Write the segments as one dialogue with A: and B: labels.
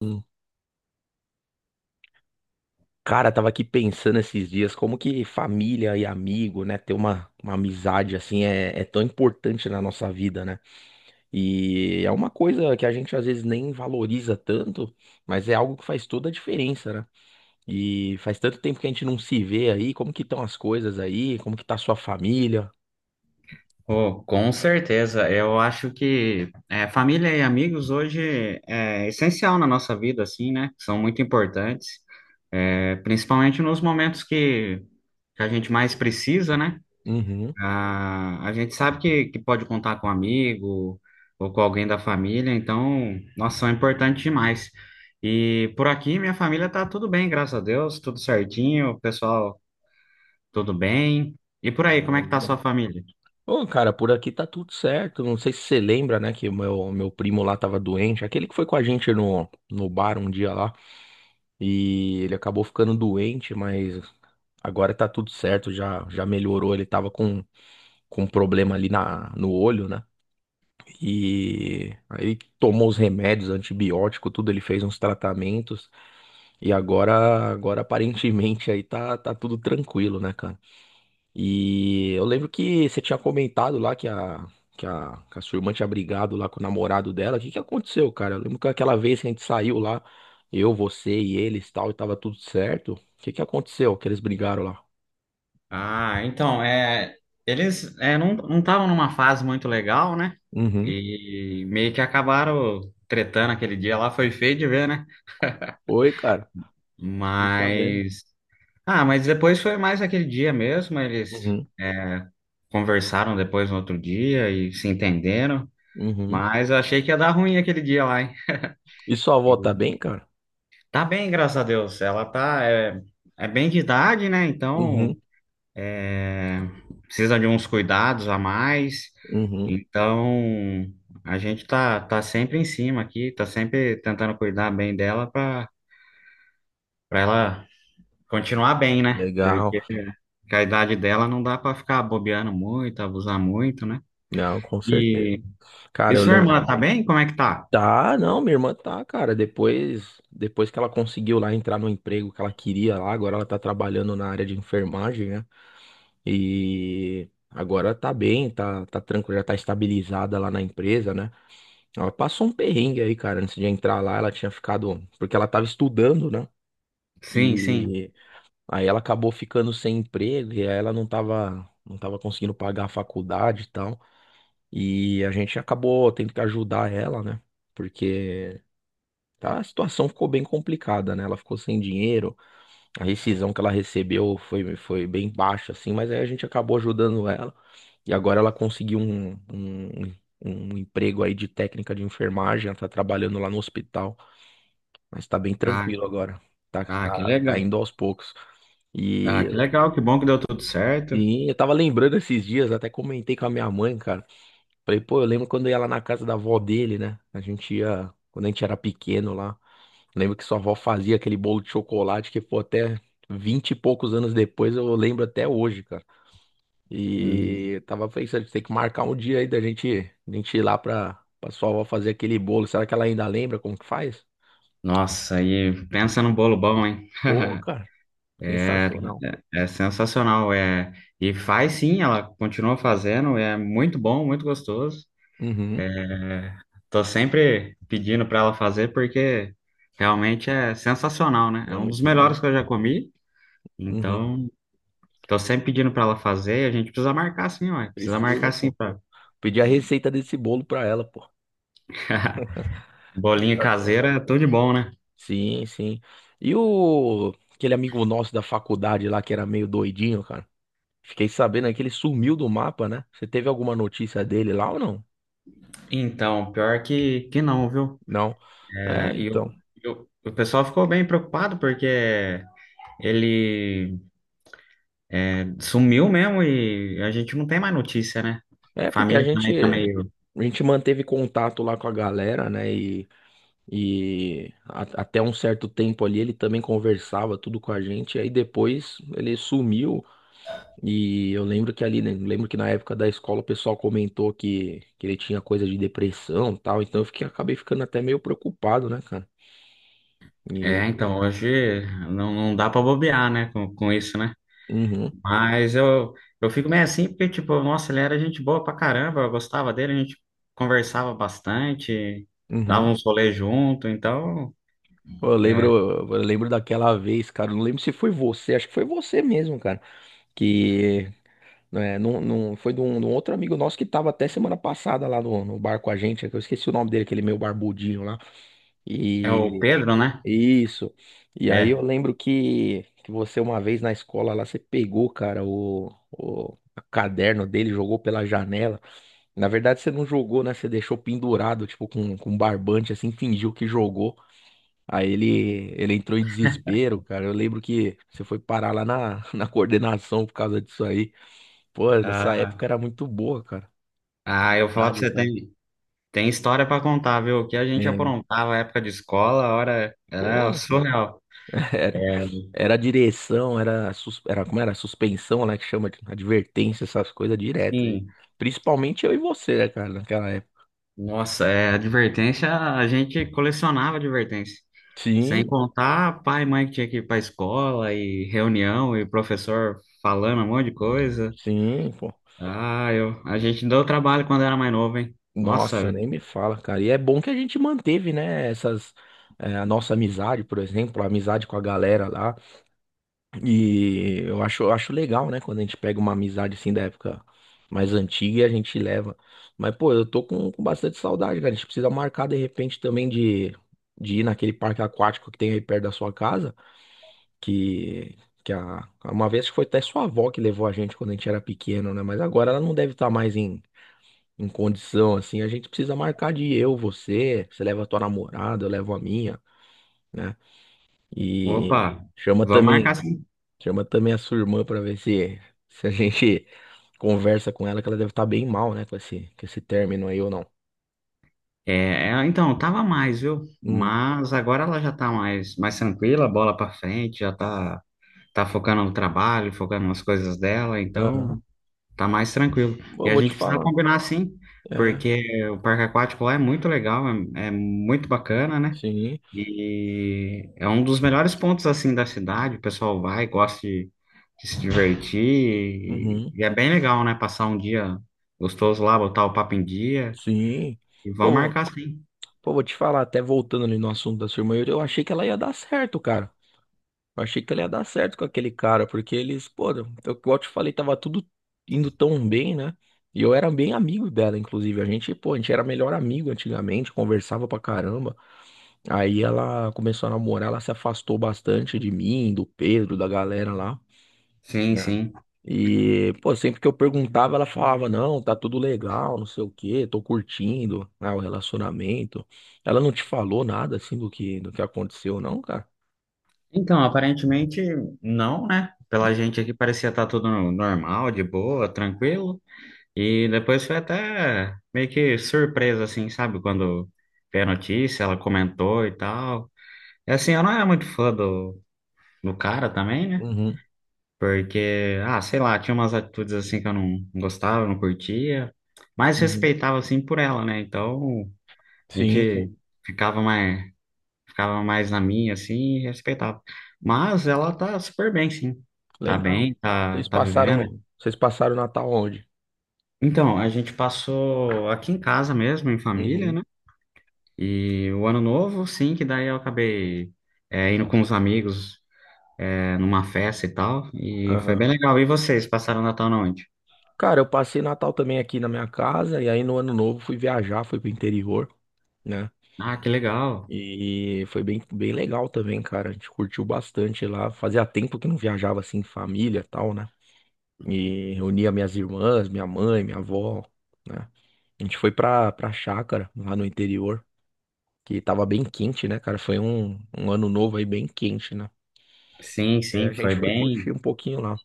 A: Hum, Cara, tava aqui pensando esses dias como que família e amigo, né, ter uma amizade assim é tão importante na nossa vida, né? E é uma coisa que a gente às vezes nem valoriza tanto, mas é algo que faz toda a diferença, né? E faz tanto tempo que a gente não se vê aí, como que estão as coisas aí, como que tá a sua família?
B: Oh, com certeza. Eu acho que é, família e amigos hoje é essencial na nossa vida, assim, né? São muito importantes, é, principalmente nos momentos que a gente mais precisa, né?
A: Uhum.
B: A gente sabe que pode contar com um amigo ou com alguém da família, então, nossa, são importantes demais. E por aqui, minha família tá tudo bem, graças a Deus, tudo certinho, o pessoal tudo bem. E por aí, como
A: Oh,
B: é que tá a
A: legal.
B: sua família?
A: Ô, cara, por aqui tá tudo certo. Não sei se você lembra, né, que o meu primo lá tava doente, aquele que foi com a gente no bar um dia lá. E ele acabou ficando doente, mas agora tá tudo certo, já melhorou. Ele tava com um problema ali na, no olho, né? E aí tomou os remédios, antibiótico, tudo, ele fez uns tratamentos. E agora aparentemente aí tá tudo tranquilo, né, cara? E eu lembro que você tinha comentado lá que a sua irmã tinha brigado lá com o namorado dela. O que que aconteceu, cara? Eu lembro que aquela vez que a gente saiu lá, eu, você e eles e tal, e tava tudo certo. O que que aconteceu que eles brigaram lá?
B: Ah, então, é, eles é, não estavam numa fase muito legal, né?
A: Uhum.
B: E meio que acabaram tretando aquele dia lá, foi feio de ver, né?
A: Oi, cara. E sabendo.
B: Mas. Ah, mas depois foi mais aquele dia mesmo, eles
A: Uhum.
B: conversaram depois no outro dia e se entenderam.
A: Uhum.
B: Mas eu achei que ia dar ruim aquele dia lá, hein?
A: E sua
B: E
A: avó tá bem, cara?
B: tá bem, graças a Deus. Ela tá. É, é bem de idade, né? Então.
A: Uhum.
B: É, precisa de uns cuidados a mais.
A: Uhum.
B: Então, a gente tá sempre em cima aqui, tá sempre tentando cuidar bem dela para ela continuar bem, né?
A: Legal.
B: Porque com a idade dela não dá para ficar bobeando muito, abusar muito, né?
A: Não, com certeza.
B: E, e
A: Cara, eu
B: sua
A: lembro.
B: irmã tá bem? Como é que tá?
A: Tá, não, minha irmã tá, cara. Depois que ela conseguiu lá entrar no emprego que ela queria lá, agora ela tá trabalhando na área de enfermagem, né? E agora tá bem, tá tranquila, já tá estabilizada lá na empresa, né? Ela passou um perrengue aí, cara, antes de entrar lá, ela tinha ficado, porque ela tava estudando, né?
B: Sim, sim.
A: E aí ela acabou ficando sem emprego e aí ela não tava conseguindo pagar a faculdade e tal. E a gente acabou tendo que ajudar ela, né? Porque tá? A situação ficou bem complicada, né? Ela ficou sem dinheiro, a rescisão que ela recebeu foi bem baixa, assim, mas aí a gente acabou ajudando ela. E agora ela conseguiu um emprego aí de técnica de enfermagem, ela tá trabalhando lá no hospital, mas tá bem
B: Ah,
A: tranquilo agora,
B: ah, que
A: tá
B: legal.
A: indo aos poucos. E
B: Ah, que legal, que bom que deu tudo certo.
A: sim, eu tava lembrando esses dias, até comentei com a minha mãe, cara. Falei, pô, eu lembro quando eu ia lá na casa da avó dele, né? A gente ia, quando a gente era pequeno lá. Lembro que sua avó fazia aquele bolo de chocolate que, pô, até 20 e poucos anos depois eu lembro até hoje, cara.
B: Hum,
A: E eu tava pensando, tem que marcar um dia aí da gente ir lá pra sua avó fazer aquele bolo. Será que ela ainda lembra como que faz?
B: Nossa, e pensa num bolo bom, hein?
A: Pô, cara,
B: É,
A: sensacional.
B: é sensacional, é. E faz sim, ela continua fazendo, é muito bom, muito gostoso.
A: Uhum,
B: Tô sempre pedindo para ela fazer porque realmente é sensacional, né? É
A: é
B: um dos
A: muito
B: melhores
A: bom.
B: que eu já comi.
A: Uhum,
B: Então, tô sempre pedindo para ela fazer, e a gente precisa marcar sim, ó. Precisa
A: precisa,
B: marcar sim
A: pô.
B: pra...
A: Pedir a receita desse bolo pra ela, pô.
B: Bolinha
A: Sensacional.
B: caseira, é tudo de bom, né?
A: Sim, sim. E o aquele amigo nosso da faculdade lá que era meio doidinho, cara? Fiquei sabendo aí que ele sumiu do mapa, né? Você teve alguma notícia dele lá ou não?
B: Então, pior que não, viu?
A: Não.
B: É,
A: É,
B: e
A: então.
B: o pessoal ficou bem preocupado porque ele sumiu mesmo e a gente não tem mais notícia, né?
A: É porque
B: Família também tá meio.
A: a gente manteve contato lá com a galera, né? E até um certo tempo ali ele também conversava tudo com a gente. E aí depois ele sumiu. E eu lembro que ali, né? Lembro que na época da escola o pessoal comentou que ele tinha coisa de depressão e tal. Então eu fiquei, acabei ficando até meio preocupado, né, cara? E.
B: É, então, hoje não, não dá pra bobear, né, com isso, né?
A: Uhum,
B: Mas eu fico meio assim, porque, tipo, nossa, ele era gente boa pra caramba, eu gostava dele, a gente conversava bastante, dava
A: uhum.
B: uns rolês junto, então.
A: Pô, eu lembro,
B: É,
A: eu lembro daquela vez, cara. Eu Não lembro se foi você, acho que foi você mesmo, cara. Que é, não, foi de um outro amigo nosso que tava até semana passada lá no bar com a gente. Que Eu esqueci o nome dele, aquele meio barbudinho lá.
B: é o
A: E
B: Pedro, né?
A: isso. E aí
B: É.
A: eu lembro que você, uma vez na escola lá, você pegou, cara, o caderno dele, jogou pela janela. Na verdade, você não jogou, né? Você deixou pendurado, tipo, com barbante, assim, fingiu que jogou. Aí ele entrou em desespero, cara. Eu lembro que você foi parar lá na, na coordenação por causa disso aí. Pô, essa época
B: Ah,
A: era muito boa, cara.
B: ah, eu vou falar pra
A: Saudades,
B: você,
A: né?
B: tem, tem história pra contar, viu? O que a gente
A: É.
B: aprontava na época de escola, a hora era
A: Porra,
B: surreal.
A: era,
B: É,
A: era direção, como era? Suspensão, né? Que chama de advertência, essas coisas direto. E
B: sim.
A: principalmente eu e você, né, cara, naquela época.
B: Nossa, é, advertência, a gente colecionava advertência. Sem
A: Sim,
B: contar pai e mãe que tinha que ir para escola e reunião e professor falando um monte de coisa.
A: sim, pô.
B: Ah, eu, a gente deu trabalho quando era mais novo, hein? Nossa,
A: Nossa, nem me fala, cara. E é bom que a gente manteve, né, a nossa amizade, por exemplo, a amizade com a galera lá. E eu acho legal, né? Quando a gente pega uma amizade assim da época mais antiga e a gente leva. Mas, pô, eu tô com bastante saudade, cara. A gente precisa marcar de repente também de ir naquele parque aquático que tem aí perto da sua casa. Que, uma vez que foi até sua avó que levou a gente quando a gente era pequeno, né? Mas agora ela não deve estar mais em, em condição, assim. A gente precisa marcar de ir, eu, você. Você leva a tua namorada, eu levo a minha, né? E
B: opa,
A: chama
B: vamos marcar
A: também.
B: sim.
A: Chama também a sua irmã pra ver se a gente conversa com ela, que ela deve estar bem mal, né, com com esse término aí ou não.
B: É, é, então, tava mais, viu?
A: Hum,
B: Mas agora ela já tá mais, mais tranquila, bola pra frente, já tá, tá focando no trabalho, focando nas coisas dela, então
A: aham.
B: tá mais tranquilo. E
A: Pô,
B: a
A: vou te
B: gente precisa
A: falar.
B: combinar sim,
A: É,
B: porque o parque aquático lá é muito legal, é, é muito bacana, né?
A: sim.
B: E é um dos melhores pontos assim da cidade. O pessoal vai, gosta de se divertir
A: Uhum,
B: e é bem legal, né? Passar um dia gostoso lá, botar o papo em dia
A: sim.
B: e vão
A: Pô,
B: marcar sim.
A: pô, vou te falar, até voltando ali no assunto da sua irmã, eu achei que ela ia dar certo, cara. Eu achei que ela ia dar certo com aquele cara, porque eles, pô, eu, igual eu te falei, tava tudo indo tão bem, né? E eu era bem amigo dela, inclusive. A gente, pô, a gente era melhor amigo antigamente, conversava pra caramba. Aí ela começou a namorar, ela se afastou bastante de mim, do Pedro, da galera lá.
B: Sim,
A: Né?
B: sim.
A: E, pô, sempre que eu perguntava, ela falava, não, tá tudo legal, não sei o quê, tô curtindo, né, o relacionamento. Ela não te falou nada, assim, do que aconteceu, não, cara?
B: Então, aparentemente não, né?
A: Hum,
B: Pela gente aqui parecia estar tudo normal, de boa, tranquilo. E depois foi até meio que surpresa, assim, sabe? Quando veio a notícia, ela comentou e tal. E assim, eu não era muito fã do cara também, né?
A: Uhum,
B: Porque, ah, sei lá, tinha umas atitudes assim que eu não gostava, não curtia. Mas
A: uhum.
B: respeitava, assim, por ela, né? Então, a
A: Sim, sim.
B: gente ficava mais, ficava mais na minha, assim, e respeitava. Mas ela tá super bem, sim. Tá
A: Legal.
B: bem, tá, tá vivendo.
A: Vocês passaram Natal onde?
B: Então, a gente passou aqui em casa mesmo, em família,
A: Uhum.
B: né? E o ano novo, sim, que daí eu acabei é, indo com os amigos é, numa festa e tal. E foi
A: Aham.
B: bem legal. E vocês passaram o Natal na onde?
A: Cara, eu passei Natal também aqui na minha casa, e aí no Ano Novo fui viajar, fui pro interior, né?
B: Ah, que legal.
A: E foi bem legal também, cara. A gente curtiu bastante lá. Fazia tempo que não viajava assim, em família e tal, né? E reunia minhas irmãs, minha mãe, minha avó, né? A gente foi pra chácara, lá no interior, que tava bem quente, né, cara? Foi um ano novo aí bem quente, né?
B: Sim,
A: E a
B: sim, foi
A: gente foi curtir
B: bem.
A: um pouquinho lá.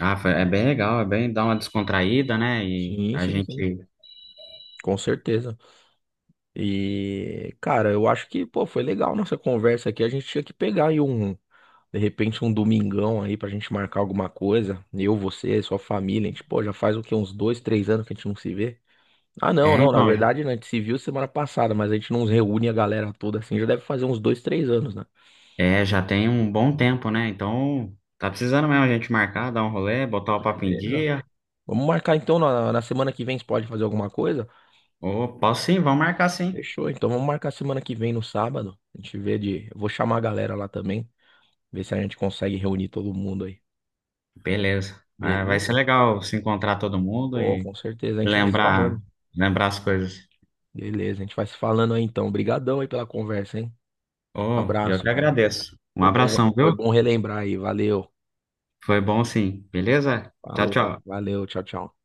B: Ah, foi- é bem legal, é bem dar uma descontraída, né? E
A: Sim,
B: a
A: sim, sim.
B: gente.
A: Com certeza. E, cara, eu acho que, pô, foi legal nossa conversa aqui. A gente tinha que pegar aí um De repente, um domingão aí pra gente marcar alguma coisa. Eu, você, sua família. A gente, pô, já faz o quê? Uns dois, três anos que a gente não se vê. Ah, não,
B: É,
A: não. Na
B: então,
A: verdade, né, a gente se viu semana passada, mas a gente não reúne a galera toda assim. Já deve fazer uns dois, três anos, né?
B: é, já tem um bom tempo, né? Então, tá precisando mesmo a gente marcar, dar um rolê, botar o papo em
A: Beleza.
B: dia.
A: Vamos marcar então na, na semana que vem. Você pode fazer alguma coisa?
B: Ô, posso sim, vamos marcar sim.
A: Fechou. Então vamos marcar semana que vem no sábado. A gente vê de. Eu vou chamar a galera lá também. Ver se a gente consegue reunir todo mundo aí.
B: Beleza. Ah, vai ser
A: Beleza?
B: legal se encontrar todo mundo
A: Pô,
B: e
A: com certeza. A gente vai se
B: lembrar,
A: falando.
B: lembrar as coisas.
A: Beleza, a gente vai se falando aí então. Obrigadão aí pela conversa, hein?
B: Oh, eu
A: Abraço,
B: que
A: cara.
B: agradeço. Um abração,
A: Foi
B: viu?
A: bom relembrar aí. Valeu.
B: Foi bom sim. Beleza? Tchau,
A: Falou.
B: tchau.
A: Valeu. Tchau, tchau.